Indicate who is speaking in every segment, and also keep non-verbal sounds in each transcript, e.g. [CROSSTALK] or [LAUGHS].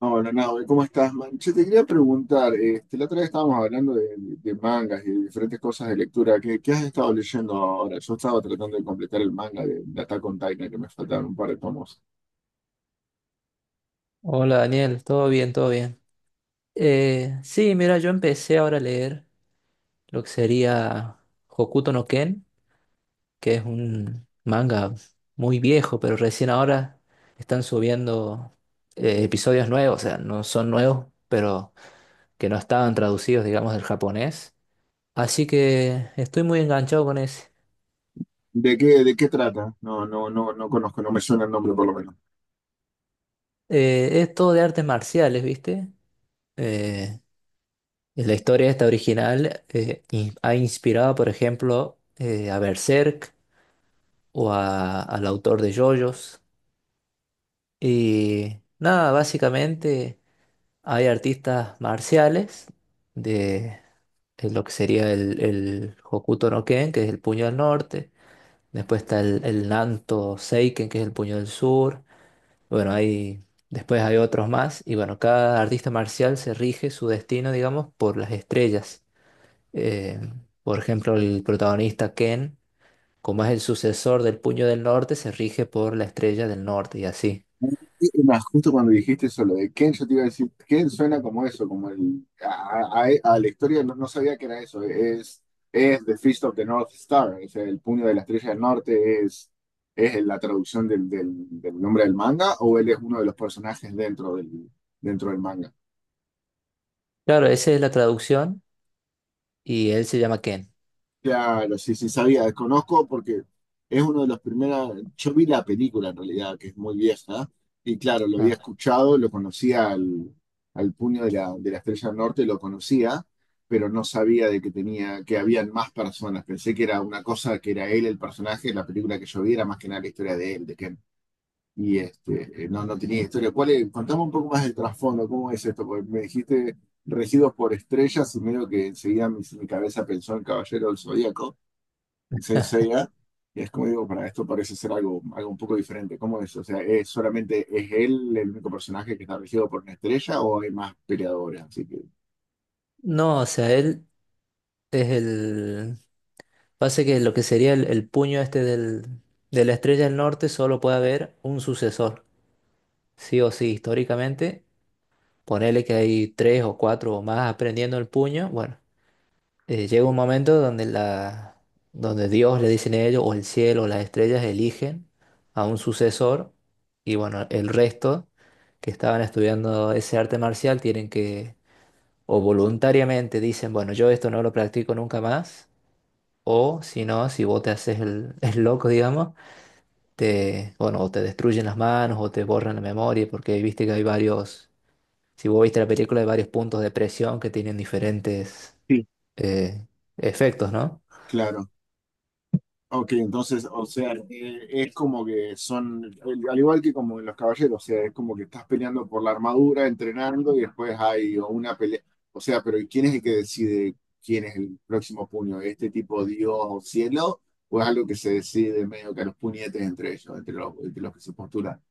Speaker 1: Hola, Nahue, ¿cómo estás, man? Che, te quería preguntar, este, la otra vez estábamos hablando de mangas y de diferentes cosas de lectura. ¿Qué has estado leyendo ahora? Yo estaba tratando de completar el manga de Attack on Titan, que me faltaron un par de tomos.
Speaker 2: Hola Daniel, todo bien, todo bien. Sí, mira, yo empecé ahora a leer lo que sería Hokuto no Ken, que es un manga muy viejo, pero recién ahora están subiendo episodios nuevos, o sea, no son nuevos, pero que no estaban traducidos, digamos, del japonés. Así que estoy muy enganchado con ese.
Speaker 1: ¿De qué trata? No, conozco, no me suena el nombre por lo menos.
Speaker 2: Es todo de artes marciales, ¿viste? Eh, la historia esta original ha inspirado, por ejemplo, a Berserk, o al autor de JoJo's. Y nada, básicamente hay artistas marciales de, de lo que sería el Hokuto no Ken, que es el puño del norte. Después está el Nanto Seiken, que es el puño del sur. Bueno, después hay otros más. Y bueno, cada artista marcial se rige su destino, digamos, por las estrellas. Eh, por ejemplo, el protagonista Ken, como es el sucesor del puño del norte, se rige por la estrella del norte y así.
Speaker 1: Y más justo cuando dijiste eso, lo de Ken, yo te iba a decir, Ken suena como eso, como a la historia, no sabía que era eso, es The Fist of the North Star, es el puño de la estrella del norte, es la traducción del nombre del manga, o él es uno de los personajes dentro del manga.
Speaker 2: Claro, esa es la traducción y él se llama Ken.
Speaker 1: Claro, sí, sí, sabía, desconozco porque es uno de los primeros, yo vi la película en realidad, que es muy vieja, y claro, lo había
Speaker 2: Ah.
Speaker 1: escuchado, lo conocía al, al puño de la Estrella del Norte, lo conocía, pero no sabía de que tenía, que habían más personas, pensé que era una cosa, que era él el personaje, la película que yo vi era más que nada la historia de él, de Ken, y este, no, no tenía historia. ¿Cuál es? Contame un poco más del trasfondo, ¿cómo es esto? Porque me dijiste regidos por estrellas y medio que enseguida mi cabeza pensó en Caballero del Zodíaco, Saint Seiya, y es como digo, para esto parece ser algo, algo un poco diferente. ¿Cómo es? O sea, ¿es solamente es él el único personaje que está regido por una estrella o hay más peleadores? Así que,
Speaker 2: No, o sea, él es el... Pasa que lo que sería el puño este de la estrella del norte solo puede haber un sucesor, sí o sí, históricamente. Ponele que hay tres o cuatro o más aprendiendo el puño. Bueno, llega un momento donde Dios le dicen a ellos, o el cielo, o las estrellas eligen a un sucesor y bueno, el resto que estaban estudiando ese arte marcial tienen que o voluntariamente dicen, bueno, yo esto no lo practico nunca más, o si no, si vos te haces el, [LAUGHS] el loco, digamos, bueno, o te destruyen las manos o te borran la memoria, porque viste que hay varios, si vos viste la película, hay varios puntos de presión que tienen diferentes
Speaker 1: sí,
Speaker 2: eh, efectos, ¿no?
Speaker 1: claro. Ok, entonces, o sea, es como que son, al igual que como en los caballeros, o sea, es como que estás peleando por la armadura, entrenando y después hay una pelea. O sea, pero ¿y quién es el que decide quién es el próximo puño? ¿Este tipo Dios o cielo? ¿O es algo que se decide medio que a los puñetes entre ellos, entre los que se postulan?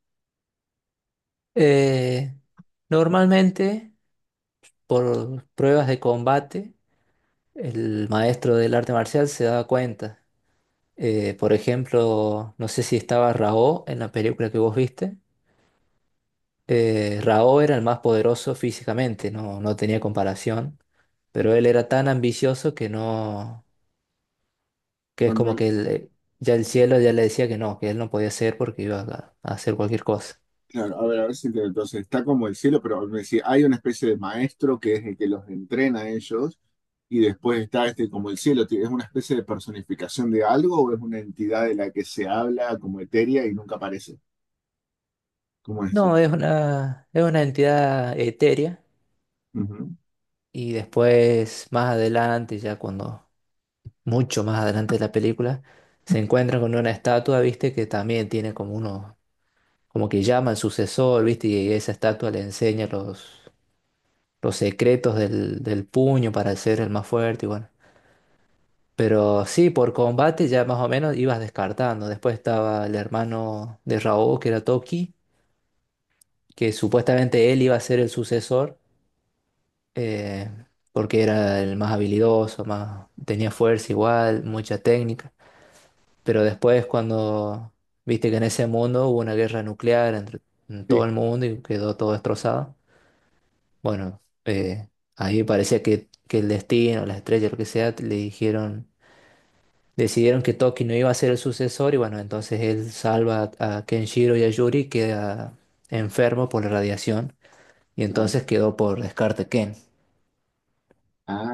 Speaker 2: Eh, Normalmente, por pruebas de combate, el maestro del arte marcial se da cuenta. Por ejemplo, no sé si estaba Raó en la película que vos viste. Rao era el más poderoso físicamente, no, no tenía comparación, pero él era tan ambicioso que no, que
Speaker 1: No,
Speaker 2: es como
Speaker 1: no,
Speaker 2: que él, ya el cielo ya le decía que no, que él no podía ser porque iba a hacer cualquier cosa.
Speaker 1: claro, a ver si entiendo. Entonces, está como el cielo, pero me decía, hay una especie de maestro que es el que los entrena a ellos, y después está este como el cielo, ¿es una especie de personificación de algo o es una entidad de la que se habla como etérea y nunca aparece? ¿Cómo es eso?
Speaker 2: No, es una entidad etérea
Speaker 1: Ujú.
Speaker 2: y después más adelante, mucho más adelante de la película, se encuentran con una estatua, viste, que también tiene como uno, como que llama al sucesor, viste, y esa estatua le enseña los secretos del puño para ser el más fuerte y bueno. Pero sí, por combate ya más o menos ibas descartando. Después estaba el hermano de Raúl que era Toki, que supuestamente él iba a ser el sucesor, eh, porque era el más habilidoso, más, tenía fuerza igual, mucha técnica. Pero después cuando viste que en ese mundo hubo una guerra nuclear entre en todo
Speaker 1: Sí,
Speaker 2: el mundo y quedó todo destrozado. Bueno, ahí parecía que el destino, las estrellas, lo que sea, le dijeron, decidieron que Toki no iba a ser el sucesor y bueno, entonces él salva a Kenshiro y a Yuri, queda enfermo por la radiación y
Speaker 1: claro.
Speaker 2: entonces quedó por descarte Ken.
Speaker 1: Ah,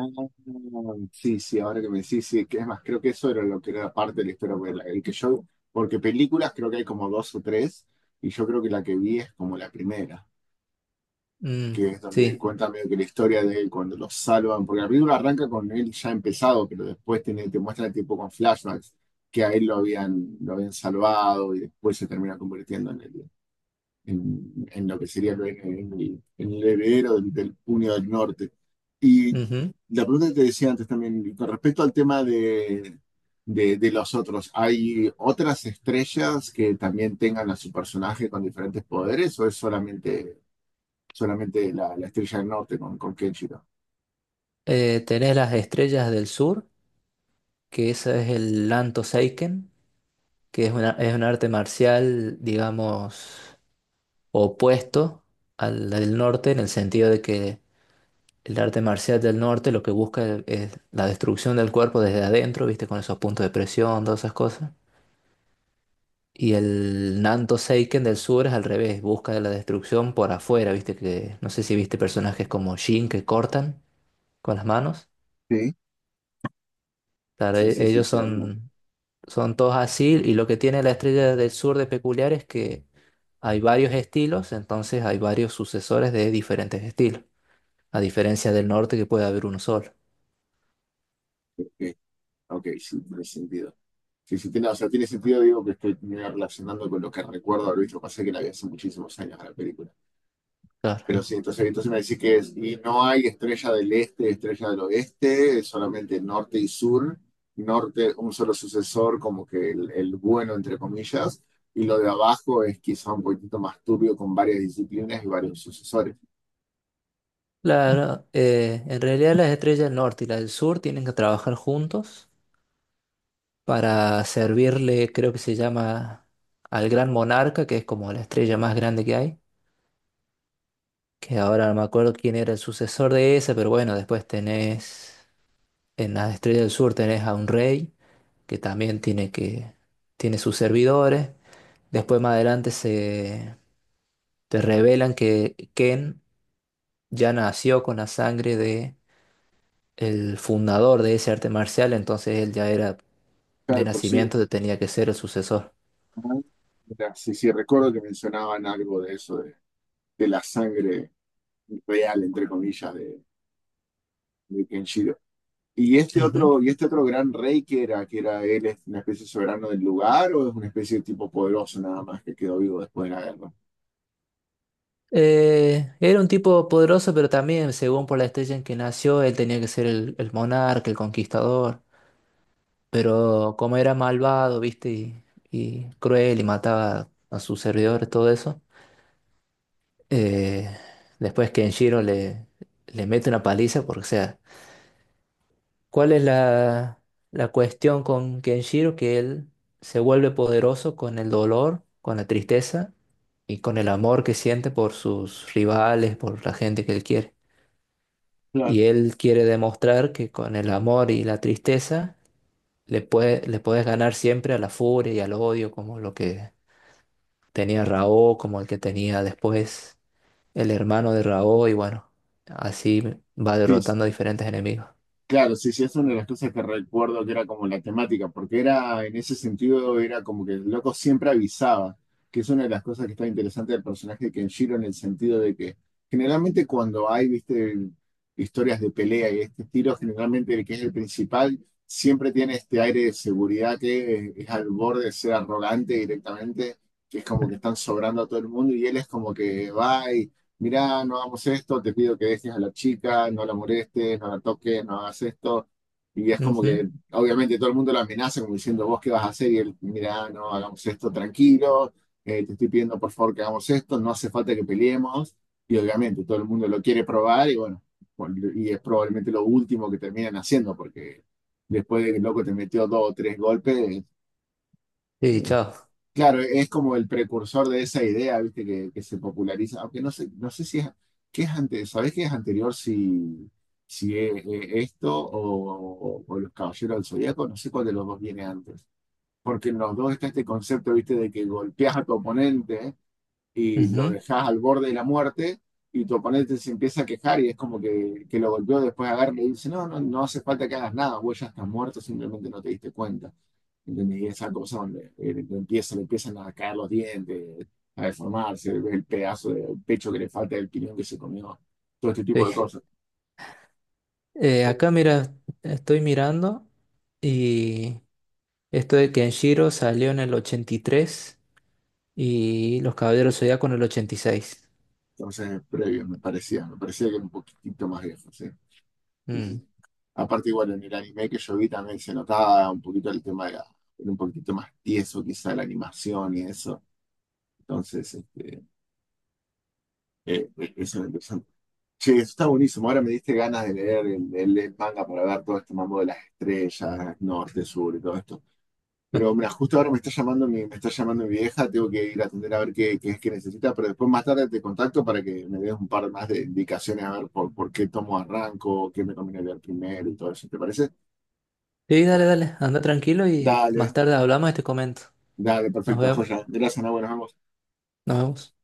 Speaker 1: sí, sí, ahora que me decís, sí, que es más, creo que eso era lo que era parte de la historia, porque la- el que yo, porque películas creo que hay como dos o tres, y yo creo que la que vi es como la primera.
Speaker 2: Mm,
Speaker 1: Que es donde
Speaker 2: sí.
Speaker 1: cuenta medio que la historia de él cuando lo salvan, porque la película arranca con él ya empezado, pero después tiene, te muestran tipo con flashbacks que a él lo habían salvado y después se termina convirtiendo en, el, en lo que sería el, en el, en el heredero del, del Puño del Norte. Y
Speaker 2: Ujú.
Speaker 1: la pregunta que te decía antes también, con respecto al tema de los otros, ¿hay otras estrellas que también tengan a su personaje con diferentes poderes o es solamente solamente la Estrella del Norte con Kenshiro?
Speaker 2: Tenés las estrellas del sur, que esa es el Lanto Seiken, que es una, es un arte marcial, digamos, opuesto al del norte en el sentido de que el arte marcial del norte lo que busca es la destrucción del cuerpo desde adentro, viste, con esos puntos de presión, todas esas cosas. Y el Nanto Seiken del sur es al revés, busca la destrucción por afuera, viste, que no sé si viste personajes como Shin que cortan con las manos.
Speaker 1: Sí.
Speaker 2: Claro,
Speaker 1: Sí, sí, sí,
Speaker 2: ellos
Speaker 1: sí, no.
Speaker 2: son, son todos así y lo que tiene la estrella del sur de peculiar es que hay varios estilos, entonces hay varios sucesores de diferentes estilos, a diferencia del norte que puede haber uno solo.
Speaker 1: Ok, ok, sí, tiene sentido. Sí, sí, tiene, o sea, tiene sentido, digo, que estoy medio relacionando con lo que recuerdo haber visto. Pasé que la vi hace muchísimos años a la película.
Speaker 2: Claro.
Speaker 1: Pero sí, entonces, entonces me decís que es, y no hay estrella del este, estrella del oeste, es solamente norte y sur. Norte, un solo sucesor, como que el bueno, entre comillas. Y lo de abajo es quizá un poquitito más turbio con varias disciplinas y varios sucesores.
Speaker 2: Claro, en realidad las estrellas del norte y las del sur tienen que trabajar juntos para servirle, creo que se llama, al gran monarca, que es como la estrella más grande que hay, que ahora no me acuerdo quién era el sucesor de esa, pero bueno, después tenés, en las estrellas del sur tenés a un rey, que también tiene tiene sus servidores. Después más adelante se te revelan que Ken ya nació con la sangre el fundador de ese arte marcial, entonces él ya era de
Speaker 1: Claro, por sí,
Speaker 2: nacimiento, tenía que ser el sucesor.
Speaker 1: mira. Sí, sí, recuerdo que mencionaban algo de eso, de la sangre real, entre comillas, de Kenshiro.
Speaker 2: Ujú.
Speaker 1: Y este otro gran rey que era él, es una especie de soberano del lugar o es una especie de tipo poderoso nada más que quedó vivo después de la guerra?
Speaker 2: Era un tipo poderoso, pero también, según por la estrella en que nació, él tenía que ser el monarca, el conquistador. Pero como era malvado, viste, y cruel y mataba a sus servidores, todo eso, eh, después Kenshiro le mete una paliza, porque, o sea, ¿cuál es la cuestión con Kenshiro? Que él se vuelve poderoso con el dolor, con la tristeza y con el amor que siente por sus rivales, por la gente que él quiere.
Speaker 1: Claro,
Speaker 2: Y él quiere demostrar que con el amor y la tristeza le puedes ganar siempre a la furia y al odio, como lo que tenía Raoh, como el que tenía después el hermano de Raoh, y bueno, así va
Speaker 1: sí.
Speaker 2: derrotando a diferentes enemigos.
Speaker 1: Claro, sí, sí, es una de las cosas que recuerdo que era como la temática, porque era, en ese sentido, era como que el loco siempre avisaba, que es una de las cosas que está interesante del personaje de Kenshiro, en el sentido de que generalmente cuando hay, viste, historias de pelea y este estilo, generalmente el que es el principal siempre tiene este aire de seguridad que es al borde de ser arrogante directamente, que es como que están sobrando a todo el mundo y él es como que va, mirá, no hagamos esto, te pido que dejes a la chica, no la molestes, no la toques, no hagas esto. Y es como
Speaker 2: Ujú.
Speaker 1: que, obviamente, todo el mundo la amenaza como diciendo, vos qué vas a hacer, y él, mirá, no hagamos esto, tranquilo, te estoy pidiendo por favor que hagamos esto, no hace falta que peleemos. Y obviamente todo el mundo lo quiere probar y bueno, y es probablemente lo último que terminan haciendo, porque después de que el loco te metió dos o tres golpes,
Speaker 2: Sí,
Speaker 1: eh,
Speaker 2: chao.
Speaker 1: claro, es como el precursor de esa idea, ¿viste? Que se populariza, aunque no sé, no sé si es, ¿qué es antes? ¿Sabés qué es anterior si, si es, esto o los Caballeros del Zodíaco? No sé cuál de los dos viene antes. Porque en los dos está este concepto, ¿viste? De que golpeas a tu oponente y lo
Speaker 2: Ujú.
Speaker 1: dejas al borde de la muerte y tu oponente se empieza a quejar y es como que lo golpeó, después agarra y le dice, no, no, no hace falta que hagas nada, vos ya estás muerto, simplemente no te diste cuenta. ¿Entendés? Y esa cosa donde le empiezan a caer los dientes, a deformarse, ves el pedazo del pecho que le falta, el piñón que se comió, todo este tipo
Speaker 2: Sí.
Speaker 1: de cosas.
Speaker 2: Acá mira, estoy mirando y esto de Kenshiro salió en el 83 y Los Caballeros Zodíaco en el 86.
Speaker 1: Entonces, previo, me parecía que era un poquitito más viejo, sí. Sí, sí,
Speaker 2: Mm.
Speaker 1: sí. Aparte, igual en el anime que yo vi también se notaba un poquito el tema de la- era un poquitito más tieso, quizá la animación y eso. Entonces, este, eso era interesante. Che, eso está buenísimo. Ahora me diste ganas de leer el manga para ver todo este mambo de las estrellas, norte, sur y todo esto. Pero
Speaker 2: [LAUGHS]
Speaker 1: mira, justo ahora me está llamando mi, me está llamando mi vieja, tengo que ir a atender a ver qué, qué es que necesita, pero después más tarde te contacto para que me des un par más de indicaciones a ver por qué tomo arranco, qué me conviene leer primero y todo eso, ¿te parece?
Speaker 2: Sí, dale, dale, anda tranquilo y más
Speaker 1: Dale,
Speaker 2: tarde hablamos y te comento.
Speaker 1: dale,
Speaker 2: Nos
Speaker 1: perfecto,
Speaker 2: vemos.
Speaker 1: joya. Gracias, Ana, nos vemos.
Speaker 2: Nos vemos.